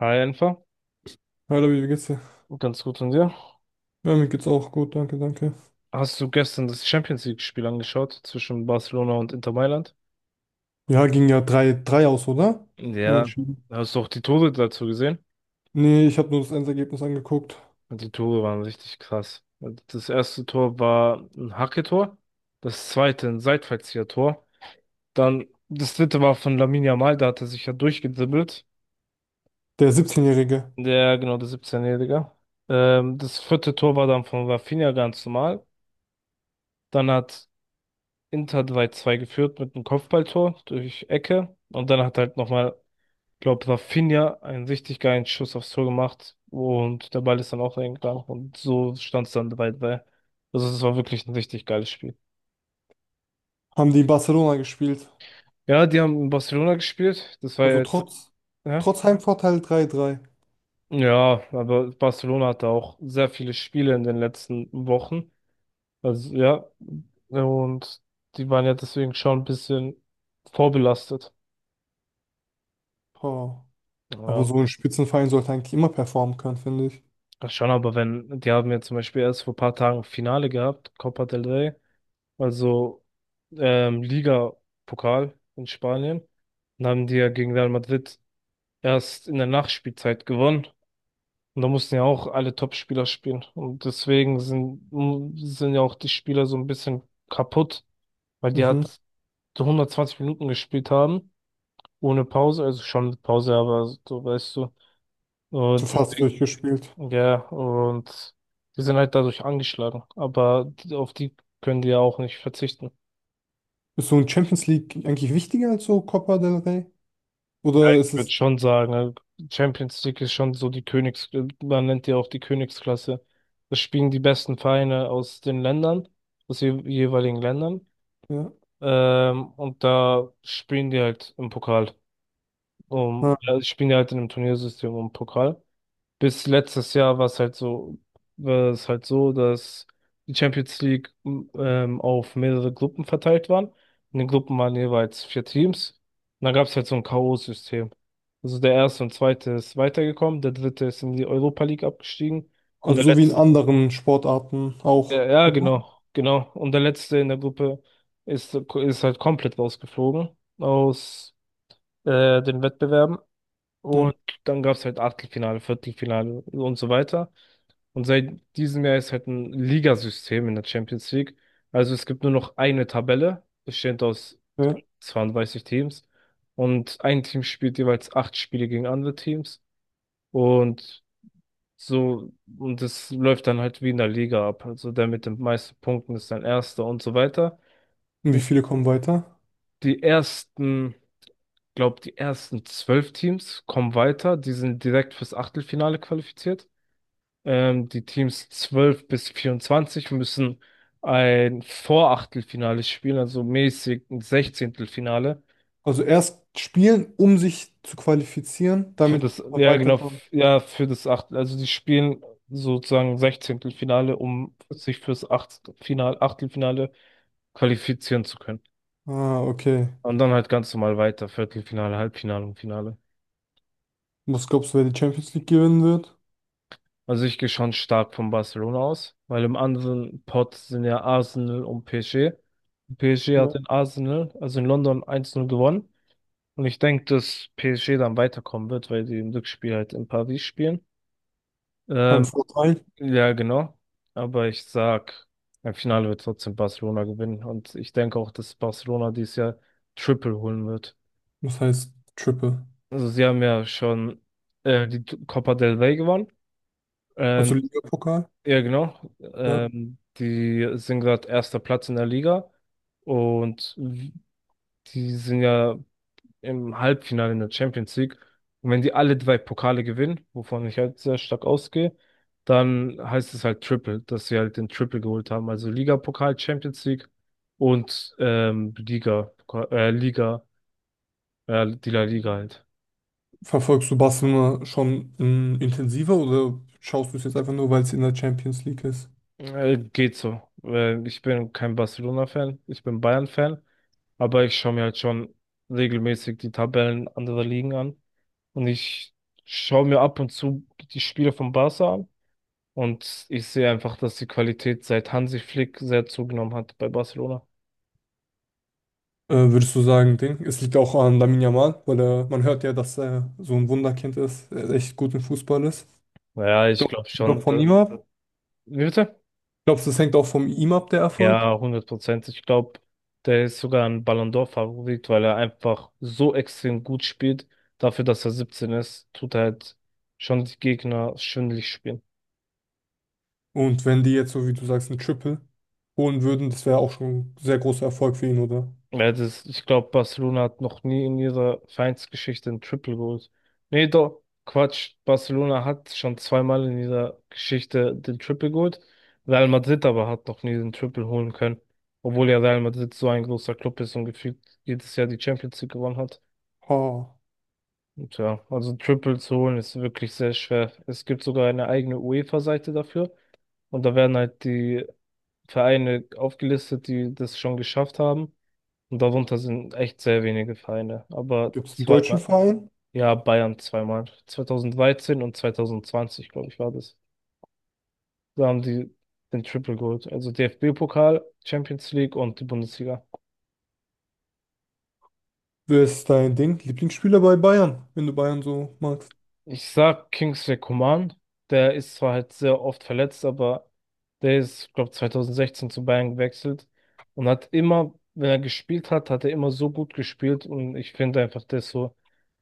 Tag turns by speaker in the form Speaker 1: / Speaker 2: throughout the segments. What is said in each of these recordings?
Speaker 1: Hi, einfach.
Speaker 2: Hallo, wie geht's dir?
Speaker 1: Ganz gut von dir.
Speaker 2: Ja, mir geht's auch gut, danke, danke.
Speaker 1: Hast du gestern das Champions League-Spiel angeschaut zwischen Barcelona und Inter Mailand?
Speaker 2: Ja, ging ja 3:3 aus, oder?
Speaker 1: Ja.
Speaker 2: Unentschieden.
Speaker 1: Hast du auch die Tore dazu gesehen?
Speaker 2: Nee, ich habe nur das Endergebnis angeguckt.
Speaker 1: Und die Tore waren richtig krass. Das erste Tor war ein Hacke-Tor, das zweite ein Seitfallzieher-Tor. Dann das dritte war von Lamine Yamal, da hat er sich ja durchgedribbelt.
Speaker 2: Der 17-Jährige.
Speaker 1: Der, genau, der 17-Jährige. Das vierte Tor war dann von Rafinha ganz normal. Dann hat Inter hat 2:2 geführt mit einem Kopfballtor durch Ecke. Und dann hat halt nochmal, glaube Rafinha einen richtig geilen Schuss aufs Tor gemacht. Und der Ball ist dann auch reingegangen. Und so stand es dann 3-3. Also es war wirklich ein richtig geiles Spiel.
Speaker 2: Haben die in Barcelona gespielt?
Speaker 1: Ja, die haben in Barcelona gespielt. Das war
Speaker 2: Also
Speaker 1: jetzt,
Speaker 2: trotz,
Speaker 1: ja.
Speaker 2: trotz Heimvorteil 3:3.
Speaker 1: Ja, aber Barcelona hatte auch sehr viele Spiele in den letzten Wochen. Also ja, und die waren ja deswegen schon ein bisschen vorbelastet.
Speaker 2: Oh. Aber
Speaker 1: Ja,
Speaker 2: so ein Spitzenverein sollte eigentlich immer performen können, finde ich.
Speaker 1: ach schon, aber wenn, die haben ja zum Beispiel erst vor ein paar Tagen Finale gehabt, Copa del Rey, also Liga-Pokal in Spanien. Dann haben die ja gegen Real Madrid erst in der Nachspielzeit gewonnen. Und da mussten ja auch alle Top-Spieler spielen. Und deswegen sind ja auch die Spieler so ein bisschen kaputt, weil die
Speaker 2: Mhm.
Speaker 1: hat so 120 Minuten gespielt haben, ohne Pause, also schon mit Pause, aber so weißt du.
Speaker 2: So
Speaker 1: Und
Speaker 2: fast
Speaker 1: deswegen
Speaker 2: durchgespielt.
Speaker 1: ja, und die sind halt dadurch angeschlagen. Aber auf die können die ja auch nicht verzichten.
Speaker 2: Ist so ein Champions League eigentlich wichtiger als so Copa del Rey?
Speaker 1: Ja,
Speaker 2: Oder ist
Speaker 1: ich würde
Speaker 2: es?
Speaker 1: schon sagen, Champions League ist schon so die man nennt die auch die Königsklasse. Da spielen die besten Vereine aus den Ländern, aus den jeweiligen Ländern.
Speaker 2: Ja.
Speaker 1: Und da spielen die halt im Pokal. Um,
Speaker 2: Ja.
Speaker 1: ja, spielen die halt in einem Turniersystem um Pokal. Bis letztes Jahr war es halt so, dass die Champions League auf mehrere Gruppen verteilt waren. In den Gruppen waren jeweils vier Teams. Und dann gab es halt so ein K.O.-System. Also der erste und zweite ist weitergekommen, der dritte ist in die Europa League abgestiegen und
Speaker 2: Also
Speaker 1: der
Speaker 2: so wie in
Speaker 1: letzte,
Speaker 2: anderen Sportarten
Speaker 1: ja,
Speaker 2: auch,
Speaker 1: ja,
Speaker 2: oder?
Speaker 1: genau, genau. Und der letzte in der Gruppe ist halt komplett rausgeflogen aus den Wettbewerben.
Speaker 2: Ja.
Speaker 1: Und dann gab es halt Achtelfinale, Viertelfinale und so weiter. Und seit diesem Jahr ist halt ein Ligasystem in der Champions League. Also es gibt nur noch eine Tabelle, bestehend aus
Speaker 2: Ja.
Speaker 1: 32 Teams. Und ein Team spielt jeweils acht Spiele gegen andere Teams. Und so, und das läuft dann halt wie in der Liga ab. Also der mit den meisten Punkten ist dann Erster und so weiter.
Speaker 2: Und wie viele kommen weiter?
Speaker 1: Die ersten, glaub, die ersten zwölf Teams kommen weiter. Die sind direkt fürs Achtelfinale qualifiziert. Die Teams 12 bis 24 müssen ein Vorachtelfinale spielen, also mäßig ein Sechzehntelfinale.
Speaker 2: Also erst spielen, um sich zu qualifizieren,
Speaker 1: Für
Speaker 2: damit
Speaker 1: das,
Speaker 2: man
Speaker 1: ja genau,
Speaker 2: weiterkommt.
Speaker 1: ja, für das Achtel, also die spielen sozusagen Sechzehntelfinale, um sich fürs Achtelfinale qualifizieren zu können.
Speaker 2: Ah, okay.
Speaker 1: Und dann halt ganz normal weiter, Viertelfinale, Halbfinale und Finale.
Speaker 2: Was glaubst du, wer die Champions League gewinnen wird?
Speaker 1: Also ich gehe schon stark von Barcelona aus, weil im anderen Pot sind ja Arsenal und PSG. PSG hat
Speaker 2: Ja.
Speaker 1: in Arsenal, also in London eins 0 gewonnen. Und ich denke, dass PSG dann weiterkommen wird, weil die im Rückspiel halt in Paris spielen.
Speaker 2: Kein
Speaker 1: Ähm,
Speaker 2: Vorteil.
Speaker 1: ja, genau. Aber ich sag, im Finale wird trotzdem Barcelona gewinnen. Und ich denke auch, dass Barcelona dieses Jahr Triple holen wird.
Speaker 2: Das heißt Triple?
Speaker 1: Also sie haben ja schon die Copa del Rey gewonnen. Ähm,
Speaker 2: Also Ligapokal.
Speaker 1: Ja, genau.
Speaker 2: Ja.
Speaker 1: Die sind gerade erster Platz in der Liga und die sind ja im Halbfinale in der Champions League. Und wenn die alle drei Pokale gewinnen, wovon ich halt sehr stark ausgehe, dann heißt es halt Triple, dass sie halt den Triple geholt haben. Also Liga-Pokal, Champions League und äh, Liga, die La Liga halt.
Speaker 2: Verfolgst du Barcelona schon intensiver oder schaust du es jetzt einfach nur, weil es in der Champions League ist?
Speaker 1: Geht so. Ich bin kein Barcelona-Fan, ich bin Bayern-Fan, aber ich schaue mir halt schon regelmäßig die Tabellen anderer Ligen an. Und ich schaue mir ab und zu die Spiele von Barca an. Und ich sehe einfach, dass die Qualität seit Hansi Flick sehr zugenommen hat bei Barcelona.
Speaker 2: Würdest du sagen, Ding? Es liegt auch an Lamine Yamal, weil man hört ja, dass er so ein Wunderkind ist, er echt gut im Fußball ist.
Speaker 1: Naja, ich
Speaker 2: Glaubst
Speaker 1: glaube
Speaker 2: du doch
Speaker 1: schon.
Speaker 2: von
Speaker 1: Da,
Speaker 2: ihm ab?
Speaker 1: wie bitte?
Speaker 2: Glaubst du, das hängt auch von ihm ab, der Erfolg?
Speaker 1: Ja, 100%. Ich glaube, der ist sogar ein Ballon d'Or-Favorit, weil er einfach so extrem gut spielt. Dafür, dass er 17 ist, tut er halt schon die Gegner schwindelig spielen.
Speaker 2: Und wenn die jetzt, so wie du sagst, ein Triple holen würden, das wäre auch schon ein sehr großer Erfolg für ihn, oder?
Speaker 1: Ja, das, ich glaube, Barcelona hat noch nie in ihrer Vereinsgeschichte ein Triple geholt. Nee, doch, Quatsch. Barcelona hat schon zweimal in ihrer Geschichte den Triple geholt. Real Madrid aber hat noch nie den Triple holen können. Obwohl ja Real Madrid so ein großer Club ist und gefühlt jedes Jahr die Champions League gewonnen hat.
Speaker 2: Ha.
Speaker 1: Tja, also Triple zu holen ist wirklich sehr schwer. Es gibt sogar eine eigene UEFA-Seite dafür und da werden halt die Vereine aufgelistet, die das schon geschafft haben. Und darunter sind echt sehr wenige Vereine. Aber
Speaker 2: Gibt es einen deutschen
Speaker 1: zweimal,
Speaker 2: Verein?
Speaker 1: ja, Bayern zweimal. 2013 und 2020, glaube ich, war das. Da haben die den Triple geholt. Also DFB-Pokal, Champions League und die Bundesliga.
Speaker 2: Wer ist dein Ding? Lieblingsspieler bei Bayern, wenn du Bayern so magst.
Speaker 1: Ich sag Kingsley Coman. Der ist zwar halt sehr oft verletzt, aber der ist, glaube 2016 zu Bayern gewechselt und hat immer, wenn er gespielt hat, hat er immer so gut gespielt und ich finde einfach, der ist so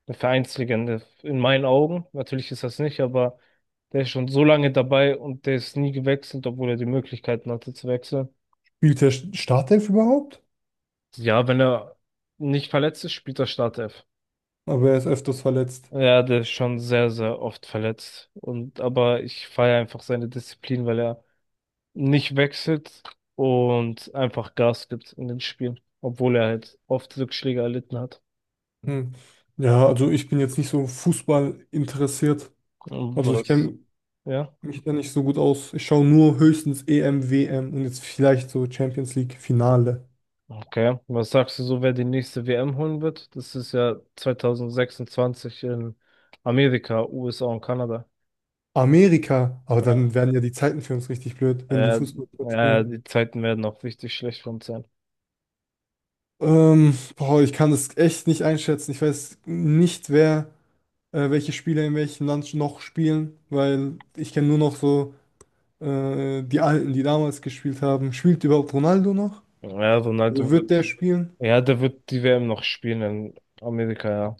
Speaker 1: eine Vereinslegende in meinen Augen. Natürlich ist das nicht, aber der ist schon so lange dabei und der ist nie gewechselt, obwohl er die Möglichkeiten hatte zu wechseln.
Speaker 2: Spielt der Startelf überhaupt?
Speaker 1: Ja, wenn er nicht verletzt ist, spielt er Startelf.
Speaker 2: Aber er ist öfters verletzt.
Speaker 1: Ja, der ist schon sehr, sehr oft verletzt. Und aber ich feiere einfach seine Disziplin, weil er nicht wechselt und einfach Gas gibt in den Spielen, obwohl er halt oft Rückschläge erlitten hat.
Speaker 2: Hm. Ja, also ich bin jetzt nicht so Fußball interessiert.
Speaker 1: Und
Speaker 2: Also ich
Speaker 1: was?
Speaker 2: kenne
Speaker 1: Ja.
Speaker 2: mich da nicht so gut aus. Ich schaue nur höchstens EM, WM und jetzt vielleicht so Champions League Finale.
Speaker 1: Okay. Was sagst du so, wer die nächste WM holen wird? Das ist ja 2026 in Amerika, USA und Kanada.
Speaker 2: Amerika, aber
Speaker 1: Ja,
Speaker 2: dann werden ja die Zeiten für uns richtig blöd, wenn die
Speaker 1: ja
Speaker 2: Fußball
Speaker 1: ja,
Speaker 2: spielen.
Speaker 1: die Zeiten werden auch richtig schlecht für uns sein.
Speaker 2: Boah, ich kann das echt nicht einschätzen. Ich weiß nicht, wer, welche Spieler in welchem Land noch spielen, weil ich kenne nur noch so die Alten, die damals gespielt haben. Spielt überhaupt Ronaldo noch?
Speaker 1: Ja,
Speaker 2: Also
Speaker 1: Ronaldo
Speaker 2: wird der
Speaker 1: wird,
Speaker 2: spielen?
Speaker 1: ja, der wird die WM noch spielen in Amerika, ja.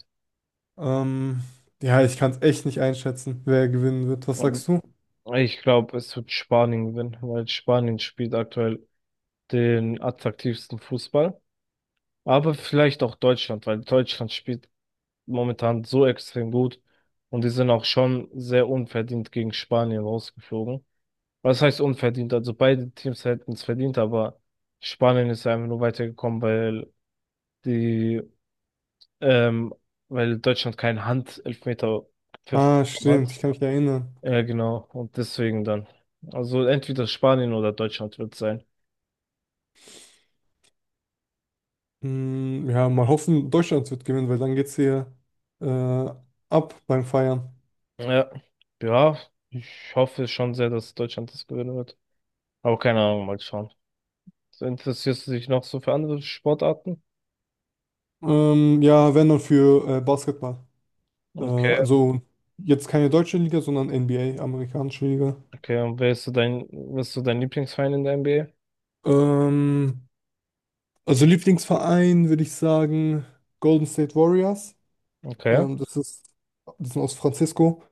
Speaker 2: Ähm, ja, ich kann es echt nicht einschätzen, wer gewinnen wird. Was sagst
Speaker 1: Ähm,
Speaker 2: du?
Speaker 1: Ich glaube, es wird Spanien gewinnen, weil Spanien spielt aktuell den attraktivsten Fußball. Aber vielleicht auch Deutschland, weil Deutschland spielt momentan so extrem gut und die sind auch schon sehr unverdient gegen Spanien rausgeflogen. Was heißt unverdient? Also beide Teams hätten es verdient, aber Spanien ist einfach nur weitergekommen, weil die, ähm, weil Deutschland keinen Handelfmeter gepfiffen
Speaker 2: Ah, stimmt,
Speaker 1: hat.
Speaker 2: ich kann mich erinnern.
Speaker 1: Ja, genau. Und deswegen dann. Also entweder Spanien oder Deutschland wird sein.
Speaker 2: Ja, mal hoffen, Deutschland wird gewinnen, weil dann geht's hier äh, ab beim Feiern.
Speaker 1: Ja. Ja, ich hoffe schon sehr, dass Deutschland das gewinnen wird. Aber keine Ahnung, mal schauen. So, interessierst du dich noch so für andere Sportarten?
Speaker 2: Ja, wenn dann für Basketball.
Speaker 1: Okay.
Speaker 2: Also jetzt keine deutsche Liga, sondern NBA, amerikanische Liga.
Speaker 1: Okay, und wer ist so dein, was ist so dein Lieblingsverein in der NBA?
Speaker 2: Ähm, also Lieblingsverein würde ich sagen Golden State Warriors.
Speaker 1: Okay.
Speaker 2: Ähm, das ist, Die sind aus Francisco.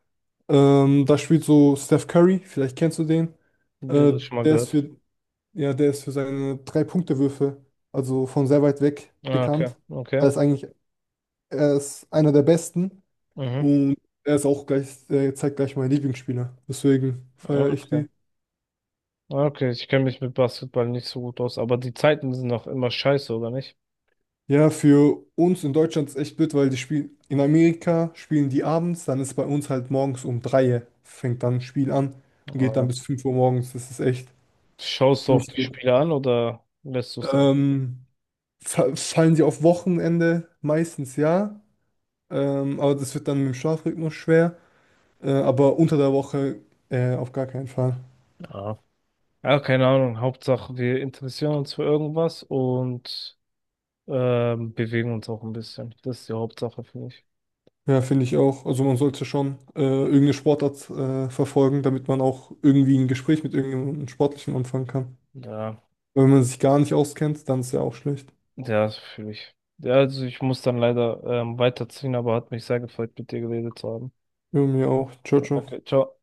Speaker 2: Da spielt so Steph Curry, vielleicht kennst du den.
Speaker 1: Ja,
Speaker 2: Äh,
Speaker 1: das schon mal
Speaker 2: der ist
Speaker 1: gehört.
Speaker 2: für Ja, der ist für seine Drei-Punkte-Würfe, also von sehr weit weg
Speaker 1: Ah, okay,
Speaker 2: bekannt.
Speaker 1: okay.
Speaker 2: Er ist eigentlich, Er ist einer der Besten
Speaker 1: Mhm.
Speaker 2: und er zeigt gleich mein Lieblingsspieler. Deswegen
Speaker 1: Ah,
Speaker 2: feiere ich
Speaker 1: okay.
Speaker 2: die.
Speaker 1: Ah, okay, ich kenne mich mit Basketball nicht so gut aus, aber die Zeiten sind doch immer scheiße, oder nicht?
Speaker 2: Ja, für uns in Deutschland ist echt blöd, weil in Amerika spielen die abends, dann ist bei uns halt morgens um 3 fängt dann ein Spiel an und
Speaker 1: Ah,
Speaker 2: geht dann
Speaker 1: ja.
Speaker 2: bis 5 Uhr morgens. Das ist echt
Speaker 1: Schaust du auch
Speaker 2: nicht
Speaker 1: die
Speaker 2: gut.
Speaker 1: Spiele an oder lässt du es
Speaker 2: Ähm, Fallen sie auf Wochenende? Meistens ja. Aber das wird dann mit dem Schlafrhythmus schwer. Aber unter der Woche auf gar keinen Fall.
Speaker 1: dann? Ja, keine Ahnung. Hauptsache, wir interessieren uns für irgendwas und bewegen uns auch ein bisschen. Das ist die Hauptsache, finde ich.
Speaker 2: Ja, finde ich auch. Also man sollte schon irgendeine Sportart verfolgen, damit man auch irgendwie ein Gespräch mit irgendjemandem Sportlichen anfangen kann.
Speaker 1: Ja,
Speaker 2: Wenn man sich gar nicht auskennt, dann ist ja auch schlecht.
Speaker 1: ja, das fühle ich. Ja, also ich muss dann leider weiterziehen, aber hat mich sehr gefreut, mit dir geredet zu haben.
Speaker 2: Ja, mir auch. Ciao, ciao.
Speaker 1: Okay, ciao.